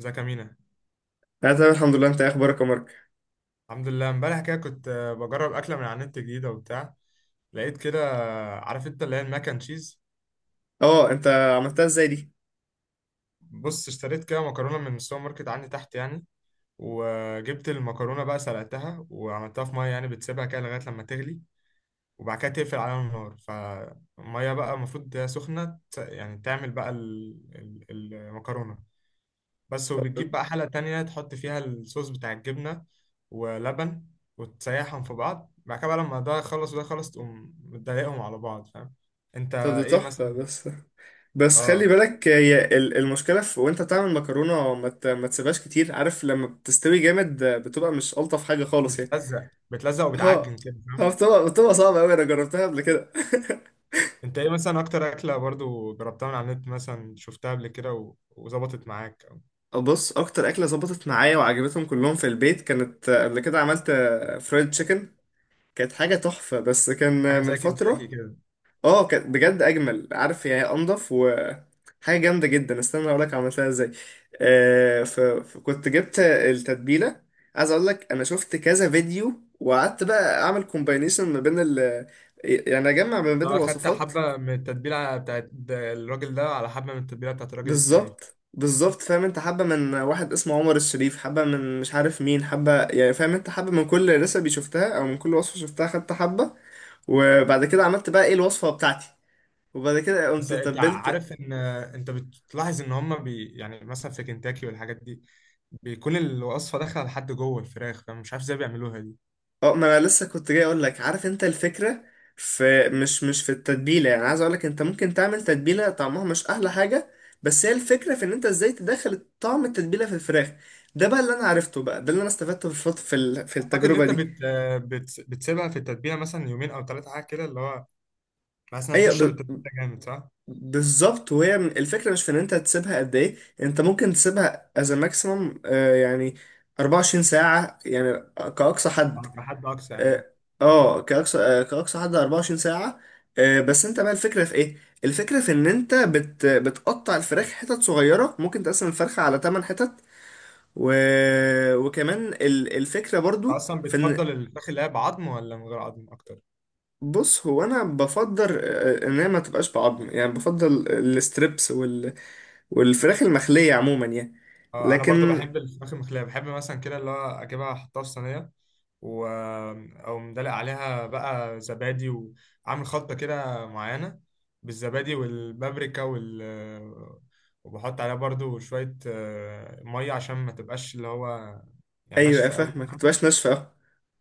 ازيك يا مينا؟ انا تمام الحمد لله. انت إيه اخبارك يا مارك؟ الحمد لله. امبارح كده كنت بجرب اكله من على النت جديده وبتاع. لقيت كده عارف انت اللي هي الماك اند تشيز. اه، انت عملتها ازاي دي؟ بص، اشتريت كده مكرونه من السوبر ماركت عندي تحت يعني. وجبت المكرونه بقى، سلقتها وعملتها في ميه، يعني بتسيبها كده لغايه لما تغلي. وبعد كده تقفل عليها النار. فالميه بقى المفروض سخنه، يعني تعمل بقى المكرونه. بس، وبتجيب بقى حلة تانية تحط فيها الصوص بتاع الجبنة ولبن، وتسيحهم في بعض. بعد كده بقى لما ده يخلص وده يخلص تقوم متضايقهم على بعض، فاهم؟ انت طب دي ايه تحفه. مثلا؟ بس بس خلي اه، بالك، هي المشكله في وانت بتعمل مكرونه ما تسيبهاش كتير. عارف لما بتستوي جامد بتبقى مش الطف حاجه خالص يعني. بتلزق بتلزق اه. وبتعجن كده، فاهم؟ بتبقى صعبه قوي، انا جربتها قبل كده. انت ايه مثلا اكتر اكلة برضو جربتها من على النت، مثلا شفتها قبل كده وظبطت معاك او بص، اكتر اكله ظبطت معايا وعجبتهم كلهم في البيت كانت، قبل كده عملت فرايد تشيكن. كانت حاجه تحفه، بس كان حاجة من زي كنتاكي فتره. كده؟ اه كانت بجد اجمل، عارف يعني إيه؟ انضف حاجة جامدة جدا. استنى اقول لك عملتها ازاي. فكنت جبت التتبيلة. عايز اقول لك، انا شفت كذا فيديو وقعدت بقى اعمل كومباينيشن ما بين ال، يعني اجمع ما بين لا، اخدت الوصفات. حبة من التتبيلة بتاعت الراجل ده على حبة من التتبيلة بتاعت الراجل التاني. بالظبط بالظبط، فاهم انت؟ حبة من واحد اسمه عمر الشريف، حبة من مش عارف مين، حبة يعني، فاهم انت؟ حبة من كل ريسبي شفتها او من كل وصفة شفتها خدت حبة. وبعد كده عملت بقى ايه الوصفة بتاعتي. وبعد كده بس قمت انت تبلت. عارف ان انت بتلاحظ ان هما يعني مثلا في كنتاكي والحاجات دي، بيكون الوصفه داخله لحد جوه الفراخ، فمش عارف ازاي بيعملوها دي. اه، ما انا لسه كنت جاي اقول لك. عارف انت الفكره؟ في مش في التتبيله، يعني عايز اقول لك انت ممكن تعمل تتبيله طعمها مش احلى حاجه، بس هي الفكره في ان انت ازاي تدخل طعم التتبيله في الفراخ. ده بقى اللي انا عرفته، بقى ده اللي انا استفدته في في في اعتقد ان التجربه انت دي. بتسيبها في التتبيله مثلا يومين او ثلاثه حاجه كده اللي هو بحيث انها ايوه، تشرب التتبيله جامد، صح؟ بالظبط. وهي الفكره مش في ان انت تسيبها قد ايه، انت ممكن تسيبها از ماكسيمم يعني 24 ساعه يعني، كاقصى حد. على حد اقصى يعني انت. اه. كأقصى كأقصى حد 24 ساعة. بس انت بقى الفكرة في ايه؟ الفكرة في ان انت بتقطع الفراخ حتت صغيرة، ممكن تقسم الفرخة على 8 حتت و... وكمان الفكرة برضو اصلا في ان، بتفضل الفراخ اللي هي بعظم ولا من غير عظم اكتر؟ بص هو انا بفضل ان هي ما تبقاش بعظم، يعني بفضل الستريبس والفراخ المخلية عموما يعني. اه، انا برضو لكن. بحب الفراخ المخليه، بحب مثلا كده اللي هو اجيبها احطها في صينيه و او مدلق عليها بقى زبادي، وعامل خلطه كده معينه، بالزبادي والبابريكا وبحط عليها برضو شويه ميه عشان ما تبقاش اللي هو يعني ايوه ناشفه فاهمة، قوي. ما تبقاش ناشفة.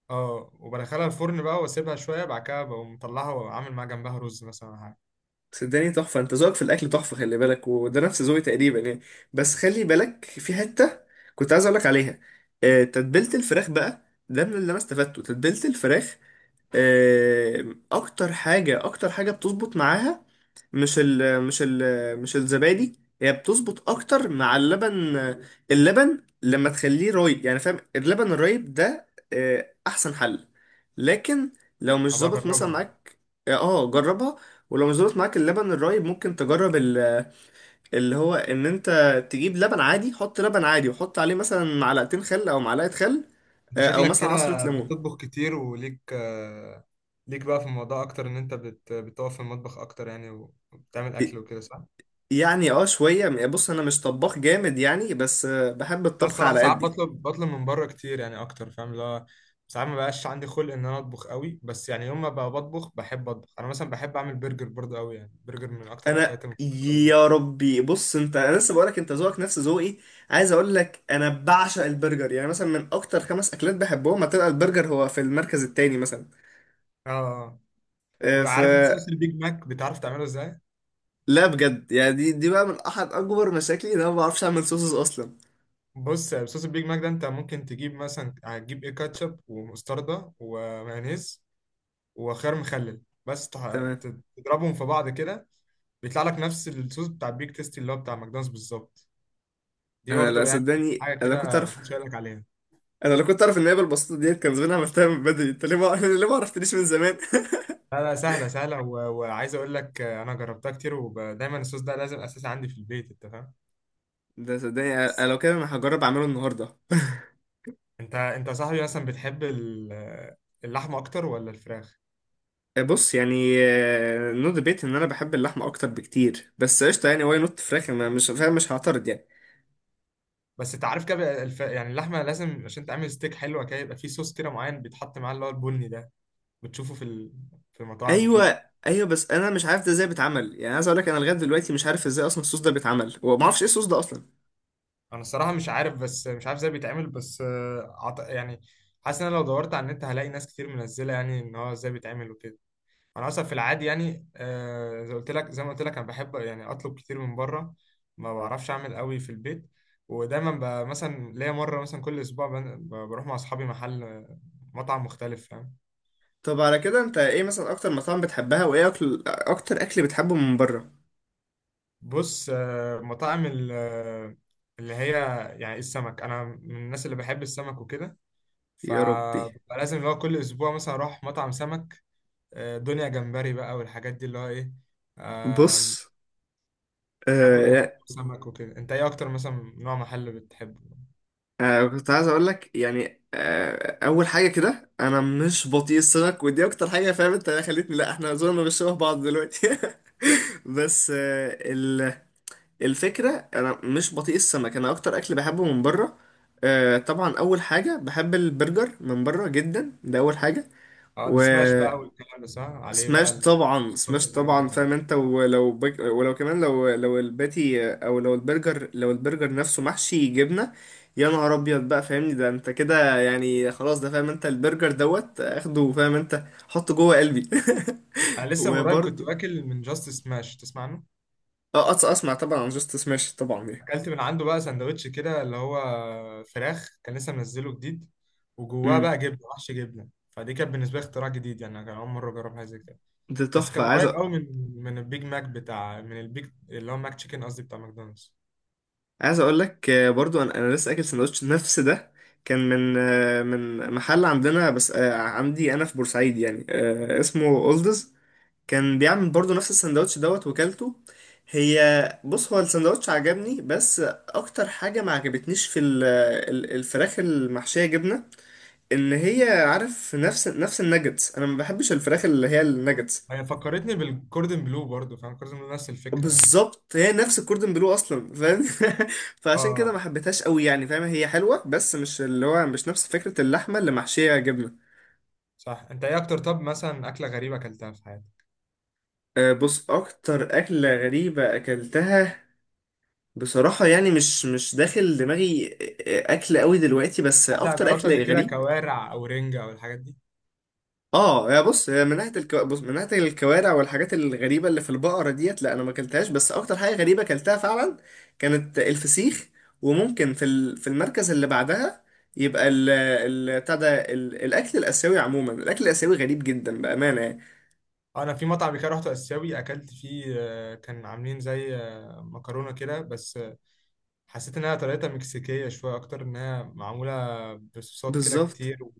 اه، وبدخلها الفرن بقى واسيبها شويه، بعد كده بقوم مطلعها وعامل معاها جنبها رز مثلا ولا حاجه. صدقني تحفة، انت ذوقك في الأكل تحفة. خلي بالك، وده نفس ذوقي تقريبا يعني. بس خلي بالك في حتة كنت عايز أقولك عليها. تتبيلة الفراخ بقى، ده من اللي أنا استفدته، تتبيلة الفراخ أكتر حاجة بتظبط معاها، مش ال مش ال مش الزبادي. هي بتظبط اكتر مع اللبن، اللبن لما تخليه رايب، يعني فاهم؟ اللبن الرايب ده احسن حل. لكن لو مش هبقى ظابط مثلا اجربها. معاك. اه، جربها. ولو مش ظابط معاك اللبن الرايب، ممكن تجرب اللي هو ان انت تجيب لبن عادي، حط لبن عادي وحط عليه مثلا معلقتين خل او معلقة خل، انت او شكلك مثلا عصرة كده ليمون. بتطبخ كتير، وليك آه، ليك بقى في الموضوع اكتر ان انت بتقف في المطبخ اكتر يعني وبتعمل اكل وكده، صح؟ يعني اه شوية، بص انا مش طباخ جامد يعني، بس بحب بس الطبخ الصراحه على ساعات قدي. بطلب من بره كتير يعني اكتر، فاهم؟ اللي هو ساعات ما بقاش عندي خلق ان انا اطبخ قوي، بس يعني يوم ما بقى بطبخ بحب اطبخ، انا مثلا بحب اعمل برجر برضه قوي، يعني برجر من اكتر انا اكلات المفضله يا بالنسبه لي. ربي، بص انت، انا لسه بقولك انت ذوقك نفس ذوقي. عايز اقول لك انا بعشق البرجر، يعني مثلا من اكتر خمس اكلات بحبهم هتبقى البرجر، هو في المركز التاني مثلا. اه. آه. آه. آه، ف وعارف انت صوص البيج ماك بتعرف تعمله ازاي؟ لا بجد يعني، دي بقى من احد اكبر مشاكلي، ان انا ما بعرفش اعمل صوصز اصلا. بص، صوص البيج ماك ده انت ممكن تجيب مثلا، هتجيب ايه؟ كاتشب ومستردة ومايونيز وخيار مخلل، بس تمام. تضربهم في بعض كده. بيطلع لك نفس الصوص بتاع البيك تيستي اللي هو بتاع ماكدونالدز بالظبط. دي انا لا برضه يعني صدقني، حاجه انا كنت كده اعرف. محدش يقول لك عليها. انا لو كنت اعرف ان هي بالبساطه ديت كان زمان عملتها من بدري. انت ليه ما ليه ما عرفتنيش من زمان؟ لا، لا، سهله سهله وعايز اقول لك انا جربتها كتير ودايما الصوص ده لازم اساسي عندي في البيت، انت فاهم؟ ده صدقني انا، لو كده انا هجرب اعمله النهارده. انت يا صاحبي مثلا بتحب اللحمه اكتر ولا الفراخ؟ بص يعني، نو ديبيت ان انا بحب اللحمه اكتر بكتير، بس قشطه يعني، واي نوت فراخ؟ انا مش فاهم، مش هعترض يعني. بس انت عارف كده بقى يعني اللحمه لازم عشان تعمل ستيك حلوه كده يبقى فيه صوص كده معين بيتحط معاه اللي هو البني ده، بتشوفه في المطاعم وكده. ايوه ايوه، بس انا مش عارف ده ازاي بيتعمل، يعني عايز اقول لك انا لغايه دلوقتي مش عارف ازاي اصلا الصوص ده بيتعمل، وما اعرفش ايه الصوص ده اصلا. انا الصراحه مش عارف، بس مش عارف ازاي بيتعمل، بس يعني حاسس ان انا لو دورت على النت هلاقي ناس كتير منزله، يعني ان هو ازاي بيتعمل وكده. انا اصلا في العادي يعني زي ما قلت لك انا بحب يعني اطلب كتير من بره، ما بعرفش اعمل قوي في البيت. ودايما مثلا ليا مره، مثلا كل اسبوع بروح مع اصحابي مطعم مختلف، فاهم؟ طب على كده انت ايه مثلا اكتر مطاعم بتحبها، وايه اكل اكتر اكل بتحبه من بره؟ بص، مطاعم اللي هي يعني السمك، انا من الناس اللي بحب السمك وكده، يا ربي. فببقى لازم اللي هو كل اسبوع مثلا اروح مطعم سمك. دنيا جمبري بقى والحاجات دي اللي هو ايه، آم، بص اكل جمبري آه وسمك وكده. انت ايه اكتر مثلا نوع محل بتحبه؟ كنت عايز اقول لك يعني، آه اول حاجه كده انا مش بطيء السمك، ودي اكتر حاجه فاهم انت خلتني، لا احنا زورنا مش شبه بعض دلوقتي. بس آه الفكره انا مش بطيء السمك، انا اكتر اكل بحبه من بره آه طبعا اول حاجه بحب البرجر من بره جدا، ده اول حاجه. اه، السماش بقى والكلام ده صح عليه بقى، سماش طبعا، الصوصات سماش والحاجات طبعا، بتاعته. فاهم انت؟ ولو كمان، لو الباتي او لو البرجر، لو البرجر نفسه محشي جبنه، يا نهار ابيض بقى فاهمني؟ ده انت كده يعني خلاص، ده فاهم انت؟ البرجر دوت اخده، فاهم انت؟ حطه جوه قلبي. انا لسه من قريب كنت وبرضه واكل من جاست سماش، تسمع عنه؟ اه اسمع، طبعا عن جاست سماش طبعا يعني. اكلت من عنده بقى سندوتش كده اللي هو فراخ، كان لسه منزله جديد، وجواه امم. بقى جبنه وحش جبنه، فدي كانت بالنسبه لي اختراع جديد، يعني انا كان اول مره اجرب حاجه زي كده. ده بس تحفه. كان قريب قوي من البيج ماك بتاع، من البيج اللي هو ماك تشيكن، قصدي بتاع ماكدونالدز. عايز اقول لك برضو، انا لسه اكل سندوتش نفس ده. كان من من محل عندنا بس عندي انا في بورسعيد يعني، اسمه اولدز. كان بيعمل برضو نفس السندوتش دوت، وكلته. هي، بص هو السندوتش عجبني. بس اكتر حاجة ما عجبتنيش في الفراخ المحشية جبنة، ان هي عارف، نفس الناجتس. انا ما بحبش الفراخ اللي هي الناجتس. هي فكرتني بالكوردن بلو برضو، فاهم كوردن بلو؟ نفس الفكره يعني. بالظبط، هي نفس الكوردن بلو اصلا، فاهم؟ فعشان كده ما اه، حبيتهاش قوي يعني، فاهم؟ هي حلوة بس مش اللي هو، مش نفس فكرة اللحمة اللي محشية جبنة. صح. انت ايه اكتر، طب مثلا اكله غريبه اكلتها في حياتك؟ أه، بص اكتر اكلة غريبة اكلتها، بصراحة يعني مش مش داخل دماغي أكل قوي دلوقتي، بس مثلا أكتر جربت قبل أكل كده غريب. كوارع او رنجه او الحاجات دي؟ اه يا بص، هي من ناحية بص من ناحية الكوارع والحاجات الغريبة اللي في البقرة ديت، لا أنا ما أكلتهاش. بس أكتر حاجة غريبة أكلتها فعلا كانت الفسيخ. وممكن في في المركز اللي بعدها يبقى ال... ال... بتاع ده ال... الأكل الآسيوي عموما، الأكل الآسيوي غريب جدا بأمانة يعني. انا في مطعم كده رحت اسيوي اكلت فيه، كان عاملين زي مكرونه كده، بس حسيت انها طريقتها مكسيكيه شويه، اكتر انها معموله بصوصات كده بالظبط، كتير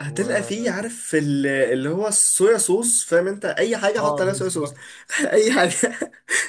هتلقى و... فيه، عارف اللي هو الصويا صوص. فاهم انت؟ اي حاجه حط اه، عليها صويا صوص. بالظبط، اي حاجه.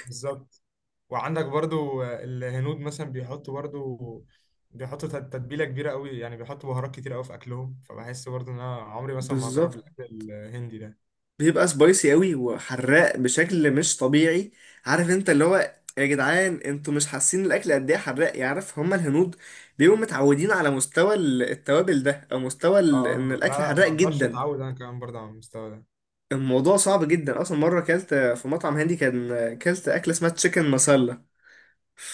بالظبط. وعندك برضو الهنود مثلا بيحطوا تتبيلة كبيرة قوي، يعني بيحطوا بهارات كتير قوي في أكلهم، فبحس برضو إن أنا عمري مثلا ما هجرب بالظبط. الأكل الهندي ده. بيبقى سبايسي قوي وحراق بشكل مش طبيعي. عارف انت اللي هو، يا جدعان انتوا مش حاسين الاكل قد ايه حراق، يعرف هما الهنود بيبقوا متعودين على مستوى التوابل ده، او مستوى اه، ان لا، الاكل لا، حراق ما أقدرش جدا. أتعود أنا كمان برضو على المستوى ده. الموضوع صعب جدا اصلا. مره كلت في مطعم هندي كان، كلت اكله اسمها تشيكن مسله،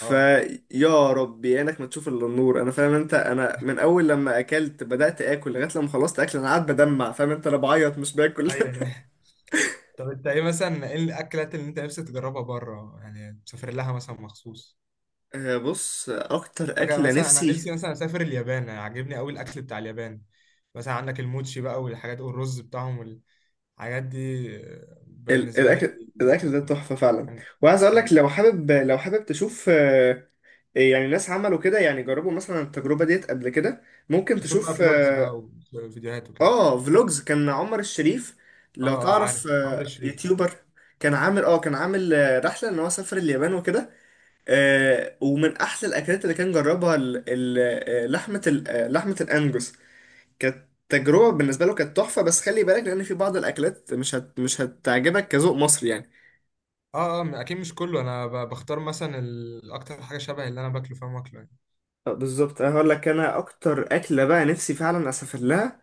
اه، ربي عينك ما تشوف الا النور. انا فاهم انت؟ انا من اول لما اكلت بدات اكل لغايه لما خلصت اكل انا قاعد بدمع، فاهم انت؟ انا بعيط مش باكل. أيوه. طب أنت إيه الأكلات اللي أنت نفسك تجربها بره، يعني تسافر لها مثلا مخصوص؟ بص اكتر حاجة اكله مثلا، أنا نفسي، نفسي مثلا أسافر اليابان، يعني عاجبني قوي الأكل بتاع اليابان، مثلا عندك الموتشي بقى والحاجات والرز بتاعهم والحاجات دي بالنسبة لي. الاكل ده تحفه فعلا. وعايز اقول اه، لك لو حابب، لو حابب تشوف يعني ناس عملوا كده، يعني جربوا مثلا التجربه ديت قبل كده، ممكن بشوف بقى تشوف. فلوجز بقى اه وفيديوهات وكده. فلوجز، كان عمر الشريف اه، لو اه، تعرف، عارف عمرو الشريف. يوتيوبر. كان عامل رحله ان هو سافر اليابان وكده. ومن احلى الاكلات اللي كان جربها لحمه الانجوس، كانت تجربه بالنسبه له، كانت تحفه. بس خلي بالك، لان في بعض الاكلات مش هتعجبك كذوق مصري يعني. اه، اه، اكيد مش كله، انا بختار مثلا اكتر حاجه شبه اللي انا باكله، فاهم؟ واكله يعني. بالظبط، انا هقول لك، انا اكتر اكله بقى نفسي فعلا اسافر لها.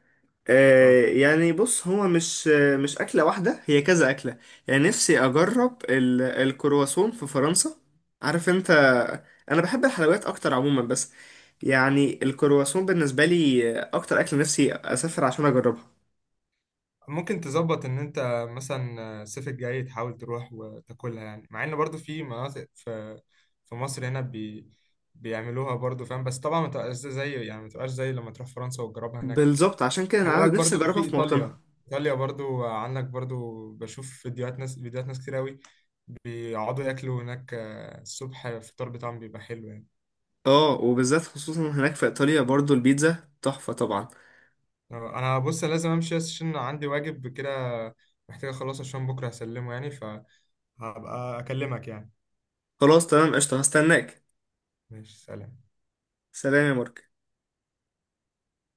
اه، آه يعني بص، هو مش مش اكله واحده، هي كذا اكله. يعني نفسي اجرب الكرواسون في فرنسا. عارف انت؟ انا بحب الحلويات اكتر عموما، بس يعني الكرواسون بالنسبه لي اكتر اكله نفسي اسافر عشان اجربها. ممكن تظبط ان انت مثلا الصيف الجاي تحاول تروح وتاكلها، يعني مع ان برضو في مناطق في مصر هنا بيعملوها برضو، فاهم؟ بس طبعا ما تبقاش زي لما تروح فرنسا وتجربها هناك. بالظبط، عشان كده انا خلي بالك نفسي برضو في اجربها في ايطاليا. موطنها. ايطاليا برضو، عندك برضو بشوف فيديوهات ناس كتير قوي بيقعدوا ياكلوا هناك، الصبح الفطار بتاعهم بيبقى حلو يعني. اه، وبالذات خصوصا هناك في ايطاليا برضو، البيتزا تحفه طبعا. انا بص، لازم امشي بس عشان عندي واجب كده، محتاج اخلصه عشان بكره هسلمه يعني، فهبقى اكلمك يعني. خلاص تمام قشطه، هستناك. ماشي، سلام. سلام يا مارك.